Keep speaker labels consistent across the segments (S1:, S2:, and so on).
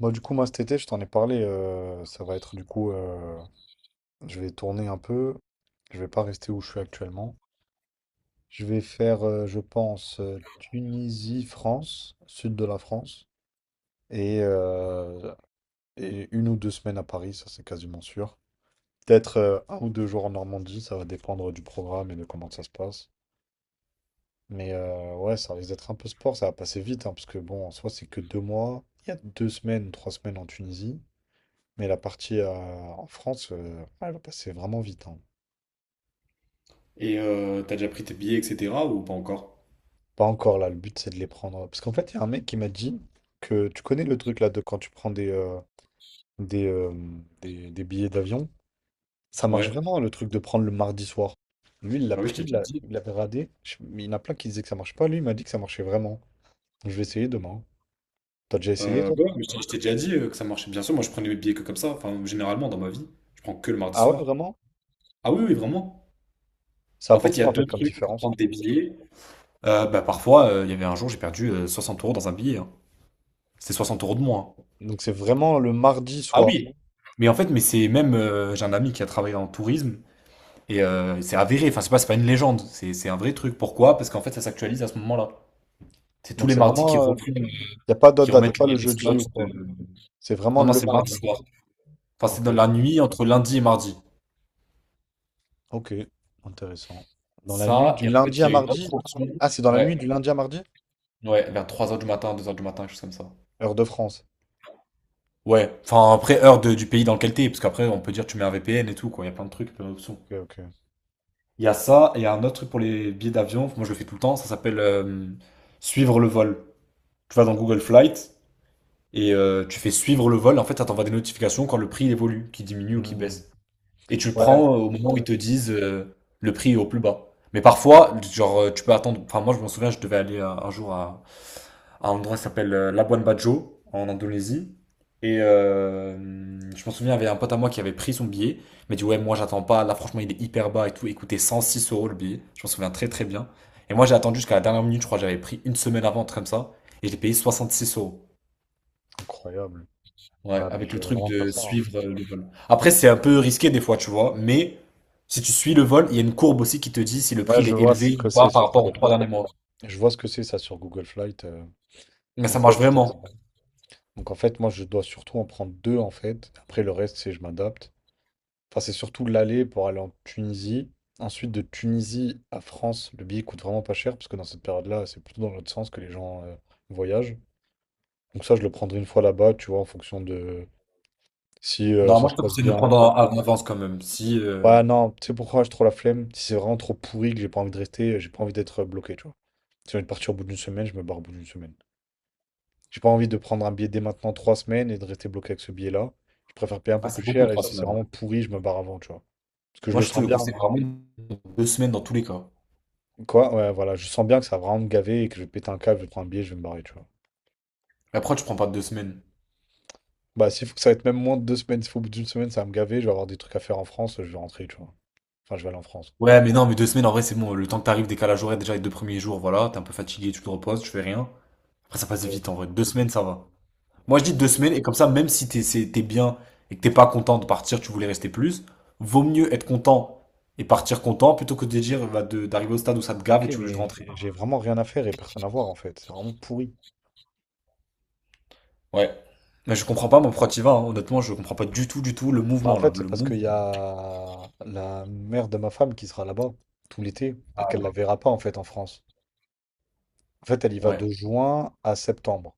S1: Moi, du coup, moi, cet été, je t'en ai parlé. Ça va être, du coup, je vais tourner un peu. Je vais pas rester où je suis actuellement. Je vais faire, je pense, Tunisie, France, sud de la France, et, euh, et une ou deux semaines à Paris, ça c'est quasiment sûr. Peut-être un ou deux jours en Normandie, ça va dépendre du programme et de comment ça se passe. Mais ouais, ça risque d'être un peu sport, ça va passer vite, hein, parce que bon, en soi, c'est que deux mois. Il y a deux semaines, trois semaines en Tunisie. Mais la partie en France, ah, elle va passer vraiment vite, hein.
S2: T'as déjà pris tes billets, etc. ou pas encore?
S1: Pas encore là, le but c'est de les prendre, hein. Parce qu'en fait, il y a un mec qui m'a dit que tu connais le truc là de quand tu prends des, euh, des billets d'avion. Ça marche
S2: Ouais.
S1: vraiment le truc de prendre le mardi soir. Lui, il l'a
S2: Bah oui, je
S1: pris,
S2: t'ai déjà dit.
S1: il l'avait radé. Mais il y en a plein qui disaient que ça marche pas. Lui, il m'a dit que ça marchait vraiment. Donc, je vais essayer demain. T'as déjà essayé toi?
S2: Ouais, mais je t'ai déjà dit que ça marchait. Bien sûr, moi je prenais mes billets que comme ça. Enfin, généralement dans ma vie, je prends que le mardi
S1: Ah ouais,
S2: soir.
S1: vraiment?
S2: Ah oui, oui, vraiment.
S1: Ça
S2: En fait,
S1: apporte
S2: il y a
S1: quoi en fait
S2: deux
S1: comme
S2: trucs pour
S1: différence?
S2: prendre des billets. Bah parfois, il y avait un jour, j'ai perdu 60 euros dans un billet, hein. C'était 60 euros de moins.
S1: Donc c'est vraiment le mardi
S2: Ah
S1: soir.
S2: oui. Mais en fait, mais c'est même, j'ai un ami qui a travaillé en tourisme et c'est avéré. Enfin, c'est pas une légende. C'est un vrai truc. Pourquoi? Parce qu'en fait, ça s'actualise à ce moment-là. C'est tous
S1: Donc
S2: les
S1: c'est
S2: mardis qui
S1: vraiment.
S2: reprennent,
S1: Il n'y a pas d'autre
S2: qui
S1: date, y a
S2: remettent
S1: pas
S2: les,
S1: le
S2: les
S1: jeudi
S2: slots.
S1: ou quoi. C'est vraiment
S2: Non, non,
S1: le
S2: c'est mardi
S1: mardi.
S2: soir. Enfin, c'est
S1: Ok,
S2: dans la nuit entre lundi et mardi.
S1: ok, intéressant. Dans la nuit
S2: Ça,
S1: du
S2: et en
S1: lundi
S2: fait,
S1: à
S2: il y a une
S1: mardi?
S2: autre.
S1: Ah, c'est dans la nuit
S2: Ouais,
S1: du lundi à mardi?
S2: ouais, vers 3 heures du matin, 2 heures du matin, quelque chose comme ça.
S1: Heure de France.
S2: Ouais, enfin, après, heure du pays dans lequel t'es, parce qu'après, on peut dire tu mets un VPN et tout, quoi. Il y a plein de trucs, plein d'options.
S1: Ok, ok.
S2: Il y a ça, et il y a un autre truc pour les billets d'avion. Moi, je le fais tout le temps. Ça s'appelle suivre le vol. Tu vas dans Google Flight et tu fais suivre le vol. En fait, ça t'envoie des notifications quand le prix évolue, qui diminue ou qui
S1: Hmm.
S2: baisse. Et tu le
S1: Ouais,
S2: prends au moment où ils
S1: ouais.
S2: te disent le prix est au plus bas. Mais parfois, genre, tu peux attendre. Enfin, moi, je m'en souviens, je devais aller un jour à un endroit qui s'appelle Labuan Bajo, en Indonésie. Et euh, je m'en souviens, il y avait un pote à moi qui avait pris son billet. Il m'a dit, ouais, moi, j'attends pas. Là, franchement, il est hyper bas et tout. Il coûtait 106 euros le billet. Je m'en souviens très, très bien. Et moi, j'ai attendu jusqu'à la dernière minute. Je crois que j'avais pris une semaine avant, un truc comme ça. Et j'ai payé 66 euros.
S1: Incroyable.
S2: Ouais,
S1: Ouais, bah,
S2: avec
S1: je
S2: le
S1: vais
S2: truc
S1: vraiment faire
S2: de
S1: ça, hein.
S2: suivre le vol. Après, c'est un peu risqué des fois, tu vois, mais si tu suis le vol, il y a une courbe aussi qui te dit si le
S1: Ouais,
S2: prix il
S1: je
S2: est
S1: vois ce
S2: élevé
S1: que
S2: ou
S1: c'est
S2: pas par
S1: sur
S2: rapport aux
S1: Google.
S2: trois derniers mois.
S1: Je vois ce que c'est ça sur Google Flight.
S2: Mais ça
S1: Donc ouais,
S2: marche
S1: je vais faire ça.
S2: vraiment.
S1: Donc en fait, moi, je dois surtout en prendre deux en fait. Après le reste, c'est je m'adapte. Enfin, c'est surtout l'aller pour aller en Tunisie. Ensuite, de Tunisie à France, le billet coûte vraiment pas cher parce que dans cette période-là, c'est plutôt dans l'autre sens que les gens voyagent. Donc ça, je le prendrai une fois là-bas, tu vois, en fonction de si
S2: Non, moi
S1: ça
S2: je
S1: se
S2: te
S1: passe
S2: conseille de le
S1: bien.
S2: prendre en avance quand même. Si.
S1: Ouais, non, tu sais pourquoi j'ai trop la flemme? Si c'est vraiment trop pourri que j'ai pas envie de rester, j'ai pas envie d'être bloqué, tu vois. Si j'ai envie de partir au bout d'une semaine, je me barre au bout d'une semaine. J'ai pas envie de prendre un billet dès maintenant trois semaines et de rester bloqué avec ce billet-là. Je préfère payer un peu
S2: Ah, c'est
S1: plus
S2: beaucoup
S1: cher et
S2: trois
S1: si c'est
S2: semaines, hein.
S1: vraiment pourri, je me barre avant, tu vois. Parce que je
S2: Moi
S1: le
S2: je te
S1: sens
S2: le
S1: bien.
S2: conseille vraiment deux semaines dans tous les cas.
S1: Quoi? Ouais, voilà, je sens bien que ça va vraiment me gaver et que je vais péter un câble, je vais prendre un billet, je vais me barrer, tu vois.
S2: Après, tu prends pas deux semaines.
S1: Bah, s'il faut que ça va être même moins de deux semaines, s'il faut au bout d'une semaine, ça va me gaver, je vais avoir des trucs à faire en France, je vais rentrer, tu vois. Enfin, je vais aller en France.
S2: Ouais, mais non, mais deux semaines en vrai, c'est bon. Le temps que t'arrives, décalage horaire déjà les deux premiers jours, voilà, t'es un peu fatigué, tu te reposes, tu fais rien. Après, ça passe
S1: Euh,
S2: vite en vrai. Deux semaines, ça va. Moi, je dis
S1: je-
S2: deux semaines, et comme ça, même si t'es bien et que t'es pas content de partir, tu voulais rester plus, vaut mieux être content et partir content plutôt que de dire bah, d'arriver au stade où ça te gave
S1: Ok,
S2: et tu veux juste
S1: mais
S2: rentrer.
S1: j'ai vraiment rien à faire et personne à voir en fait. C'est vraiment pourri.
S2: Ouais. Mais je
S1: C'est-
S2: comprends pas, moi, pourquoi t'y vas, hein. Honnêtement, je comprends pas du tout, du tout le
S1: Bah, en
S2: mouvement, là.
S1: fait, c'est
S2: Le
S1: parce qu'il y
S2: mouvement.
S1: a la mère de ma femme qui sera là-bas tout l'été et
S2: Ah
S1: qu'elle
S2: ouais.
S1: la verra pas en fait en France. En fait, elle y va
S2: Ouais.
S1: de juin à septembre.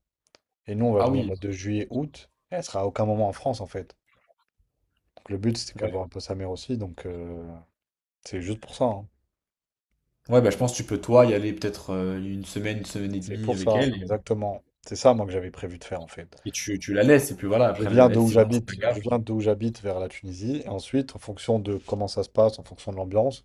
S1: Et nous, on va
S2: Ah
S1: venir
S2: oui.
S1: de juillet, août. Et elle sera à aucun moment en France en fait. Donc, le but, c'est qu'elle
S2: Ouais.
S1: voit un peu sa mère aussi. Donc, c'est juste pour ça, hein.
S2: Ouais, bah, je pense que tu peux, toi, y aller peut-être une semaine et
S1: C'est
S2: demie
S1: pour
S2: avec
S1: ça,
S2: elle, et,
S1: exactement. C'est ça, moi, que j'avais prévu de faire en fait.
S2: et tu la laisses, et puis voilà,
S1: Je
S2: après,
S1: viens de
S2: elle,
S1: où
S2: c'est vraiment ça te
S1: j'habite.
S2: gave.
S1: Je viens d'où j'habite vers la Tunisie. Et ensuite, en fonction de comment ça se passe, en fonction de l'ambiance.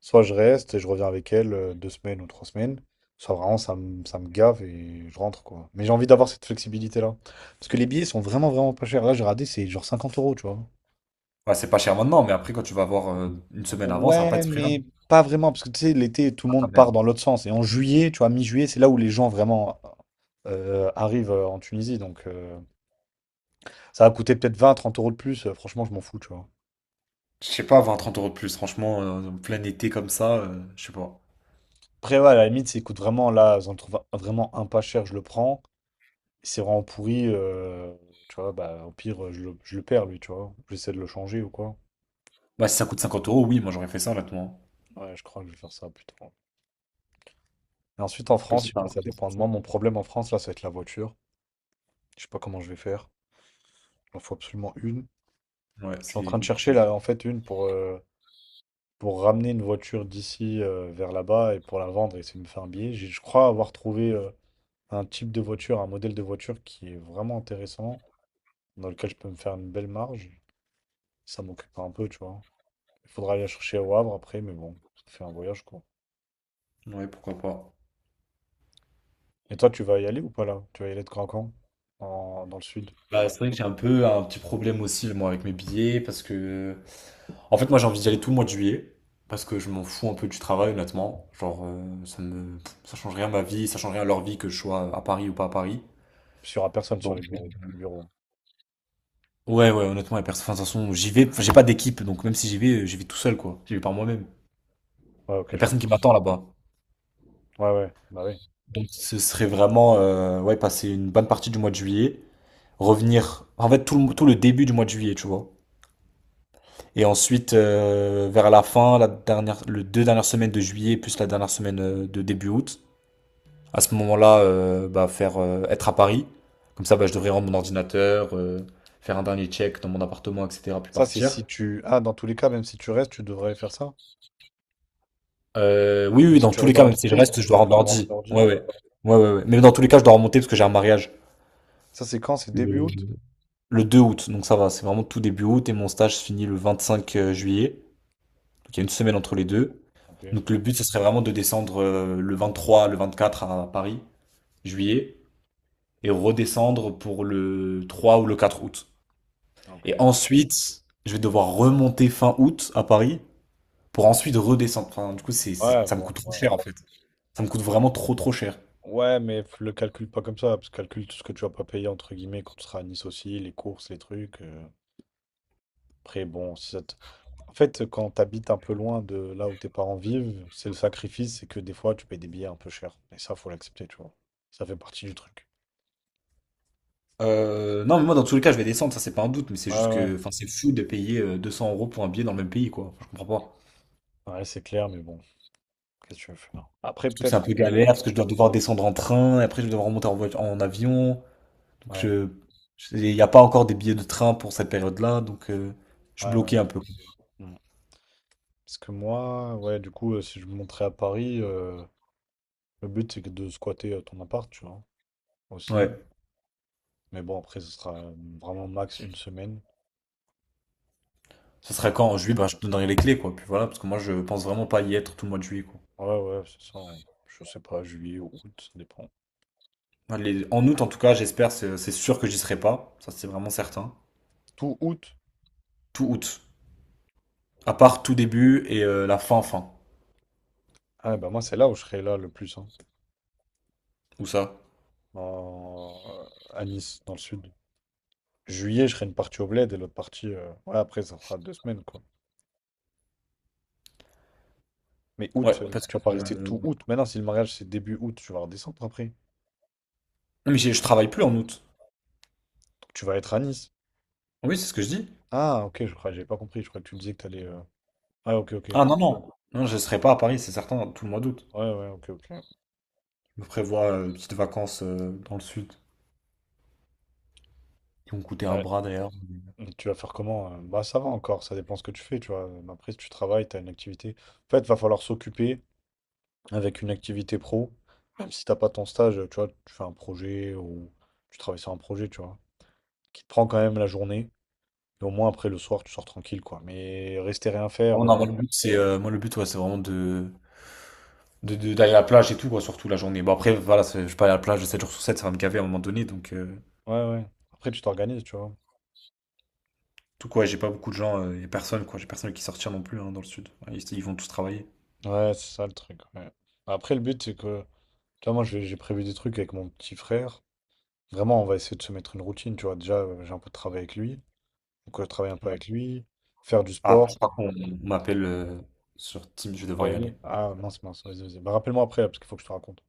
S1: Soit je reste et je reviens avec elle deux semaines ou trois semaines, soit vraiment ça me gave et je rentre quoi. Mais j'ai envie d'avoir cette flexibilité-là. Parce que les billets sont vraiment vraiment pas chers. Là j'ai regardé, c'est genre 50 euros, tu vois.
S2: Ouais, c'est pas cher maintenant, mais après, quand tu vas avoir une semaine avant, ça va pas
S1: Ouais,
S2: être ce prix-là.
S1: mais pas vraiment, parce que tu sais, l'été, tout le
S2: Ah,
S1: monde
S2: ben.
S1: part dans l'autre sens. Et en juillet, tu vois, mi-juillet, c'est là où les gens vraiment arrivent en Tunisie. Donc ça va coûter peut-être 20, 30 euros de plus. Franchement, je m'en fous, tu vois.
S2: Je sais pas, 20-30 euros de plus, franchement, en plein été comme ça, je sais pas.
S1: Après, ouais, à la limite, s'il coûte vraiment là, j'en trouve vraiment un pas cher, je le prends. C'est vraiment pourri, tu vois, bah au pire, je le perds, lui, tu vois. J'essaie de le changer ou quoi.
S2: Bah, si ça coûte 50 euros, oui, moi j'aurais fait ça, honnêtement.
S1: Ouais, je crois que je vais faire ça plutôt. Et ensuite, en
S2: Comme
S1: France, je sais pas,
S2: ça.
S1: ça dépend de moi. Mon problème en France, là, ça va être la voiture. Je sais pas comment je vais faire. Il en faut absolument une.
S2: Ouais,
S1: Je suis en
S2: c'est
S1: train de chercher,
S2: compliqué.
S1: là, en fait, une pour ramener une voiture d'ici vers là-bas et pour la vendre et essayer de me faire un billet. Je crois avoir trouvé un type de voiture, un modèle de voiture qui est vraiment intéressant, dans lequel je peux me faire une belle marge. Ça m'occupe un peu, tu vois. Il faudra aller la chercher au Havre après, mais bon, ça fait un voyage quoi.
S2: Ouais, pourquoi pas.
S1: Et toi, tu vas y aller ou pas là? Tu vas y aller de quand à quand? Dans le sud?
S2: Bah, c'est vrai que j'ai un peu un petit problème aussi, moi, avec mes billets, parce que. En fait, moi, j'ai envie d'y aller tout le mois de juillet, parce que je m'en fous un peu du travail, honnêtement. Genre, ça me. Ça change rien à ma vie, ça change rien à leur vie que je sois à Paris ou pas à Paris.
S1: Parce qu'il y aura personne sur
S2: Donc,
S1: les bureaux. Au bureau.
S2: ouais, ouais, honnêtement, y a personne. Enfin, de toute façon, j'y vais. Enfin, j'ai pas d'équipe, donc même si j'y vais, j'y vais tout seul, quoi. J'y vais par moi-même.
S1: Ouais,
S2: Y
S1: ok,
S2: a
S1: je
S2: personne
S1: comprends.
S2: qui m'attend là-bas.
S1: Ouais, ouais, bah oui.
S2: Ce serait vraiment, ouais, passer une bonne partie du mois de juillet, revenir, en fait, tout le début du mois de juillet, tu vois. Et ensuite, vers la fin, la dernière, le deux dernières semaines de juillet, plus la dernière semaine de début août. À ce moment-là, bah, faire, être à Paris. Comme ça, bah, je devrais rendre mon ordinateur, faire un dernier check dans mon appartement, etc., puis
S1: Ça, c'est
S2: partir.
S1: si tu. Ah, dans tous les cas, même si tu restes, tu devrais faire ça.
S2: Oui, oui,
S1: Si
S2: dans
S1: tu
S2: tous les
S1: restes dans
S2: cas, même si je
S1: l'entreprise,
S2: reste, je dois
S1: tu
S2: rendre
S1: vas avoir un
S2: l'ordi.
S1: ordi.
S2: Ouais, ouais. Ouais, ouais, ouais. Mais dans tous les cas, je dois remonter parce que j'ai un mariage
S1: Ça, c'est quand? C'est
S2: le,
S1: début août?
S2: le 2 août. Donc ça va, c'est vraiment tout début août et mon stage se finit le 25 juillet. Donc il y a une semaine entre les deux.
S1: Ok,
S2: Donc le but, ce serait vraiment de descendre le 3 le 24 à Paris, juillet, et redescendre pour le 3 ou le 4 août. Et
S1: ok.
S2: ensuite, je vais devoir remonter fin août à Paris pour ensuite redescendre. Enfin, du coup,
S1: Ouais,
S2: ça me
S1: bon,
S2: coûte
S1: ça
S2: trop
S1: va.
S2: cher en fait. Ça me coûte vraiment trop trop cher.
S1: Ouais, mais le calcule pas comme ça, parce que calcule tout ce que tu vas pas payer, entre guillemets, quand tu seras à Nice aussi, les courses, les trucs. Après, bon, si ça te- En fait, quand tu habites un peu loin de là où tes parents vivent, c'est le sacrifice, c'est que des fois, tu payes des billets un peu chers. Et ça, faut l'accepter, tu vois. Ça fait partie du truc.
S2: Non, mais moi, dans tous les cas, je vais descendre, ça, c'est pas un doute, mais c'est
S1: Ouais,
S2: juste que,
S1: ouais.
S2: enfin, c'est fou de payer 200 euros pour un billet dans le même pays, quoi. Enfin, je comprends pas.
S1: Ouais, c'est clair, mais bon, qu'est-ce que tu veux faire? Après,
S2: Surtout que c'est un
S1: peut-être
S2: peu
S1: que.
S2: galère, parce que je dois devoir descendre en train, et après, je vais devoir remonter en voiture, en avion. Donc,
S1: Ouais,
S2: il n'y a pas encore des billets de train pour cette période-là, donc, je suis
S1: ouais, ouais.
S2: bloqué un peu.
S1: Mm. Parce que moi, ouais, du coup, si je me montrais à Paris, le but, c'est que de squatter ton appart, tu vois, aussi.
S2: Ouais.
S1: Mais bon, après, ce sera vraiment max une semaine.
S2: Ça sera
S1: Donc,
S2: quand? En juillet, bah, je te donnerai les clés, quoi. Puis voilà, parce que moi, je pense vraiment pas y être tout le mois de juillet, quoi.
S1: ouais, ouais, c'est ça, hein. Je sais pas, juillet ou août, ça dépend.
S2: Allez, en août, en tout cas, j'espère, c'est sûr que j'y serai pas. Ça, c'est vraiment certain.
S1: Tout août?
S2: Tout août. À part tout début et la fin, fin.
S1: Ah, bah moi, c'est là où je serai là le plus, hein.
S2: Où ça?
S1: en- à Nice, dans le sud. Juillet, je serai une partie au Bled et l'autre partie, ouais, après, ça sera deux semaines, quoi. Mais
S2: Ouais,
S1: août,
S2: parce
S1: tu
S2: que.
S1: vas pas rester tout août. Maintenant, si le mariage, c'est début août, tu vas redescendre après. Donc,
S2: Non, mais je travaille plus en août.
S1: tu vas être à Nice.
S2: Oui, c'est ce que je dis.
S1: Ah, ok, je crois, j'avais pas compris. Je crois que tu me disais que t'allais. Allais Ah, ok, ok.
S2: Ah non, non. Non, je serai pas à Paris, c'est certain, tout le mois d'août.
S1: Ouais, ouais, ok, ok.
S2: Je me prévois des petites vacances dans le sud, qui m'ont coûté un
S1: Ouais.
S2: bras d'ailleurs.
S1: Et tu vas faire comment? Bah, ça va encore, ça dépend ce que tu fais, tu vois. Mais après, si tu travailles, t'as une activité. En fait, va falloir s'occuper avec une activité pro. Même si t'as pas ton stage, tu vois, tu fais un projet ou tu travailles sur un projet, tu vois. Qui te prend quand même la journée. Et au moins, après, le soir, tu sors tranquille, quoi. Mais rester rien
S2: Ah,
S1: faire,
S2: non, moi le but, c'est moi, le but, ouais, c'est vraiment d'aller à la plage et tout, quoi, surtout la journée. Bon, après, voilà, je vais pas aller à la plage 7 jours sur 7, ça va me gaver à un moment donné. Donc,
S1: ouais, ouais. Après, tu t'organises, tu vois.
S2: tout quoi, j'ai pas beaucoup de gens, y a personne, quoi. J'ai personne qui sortir non plus hein, dans le sud. Ouais. Ils vont tous travailler.
S1: Ouais, c'est ça le truc, ouais. Après, le but, c'est que, tu vois, moi, j'ai prévu des trucs avec mon petit frère. Vraiment, on va essayer de se mettre une routine, tu vois. Déjà, j'ai un peu de travail avec lui. Donc, je travaille un peu
S2: Ouais.
S1: avec lui. Faire du
S2: Ah, je
S1: sport.
S2: contre, on m'appelle sur Teams, je vais
S1: Je dois
S2: devoir
S1: y
S2: y
S1: aller.
S2: aller.
S1: Ah, mince, mince, vas-y, vas-y. Bah, rappelle-moi après, là, parce qu'il faut que je te raconte.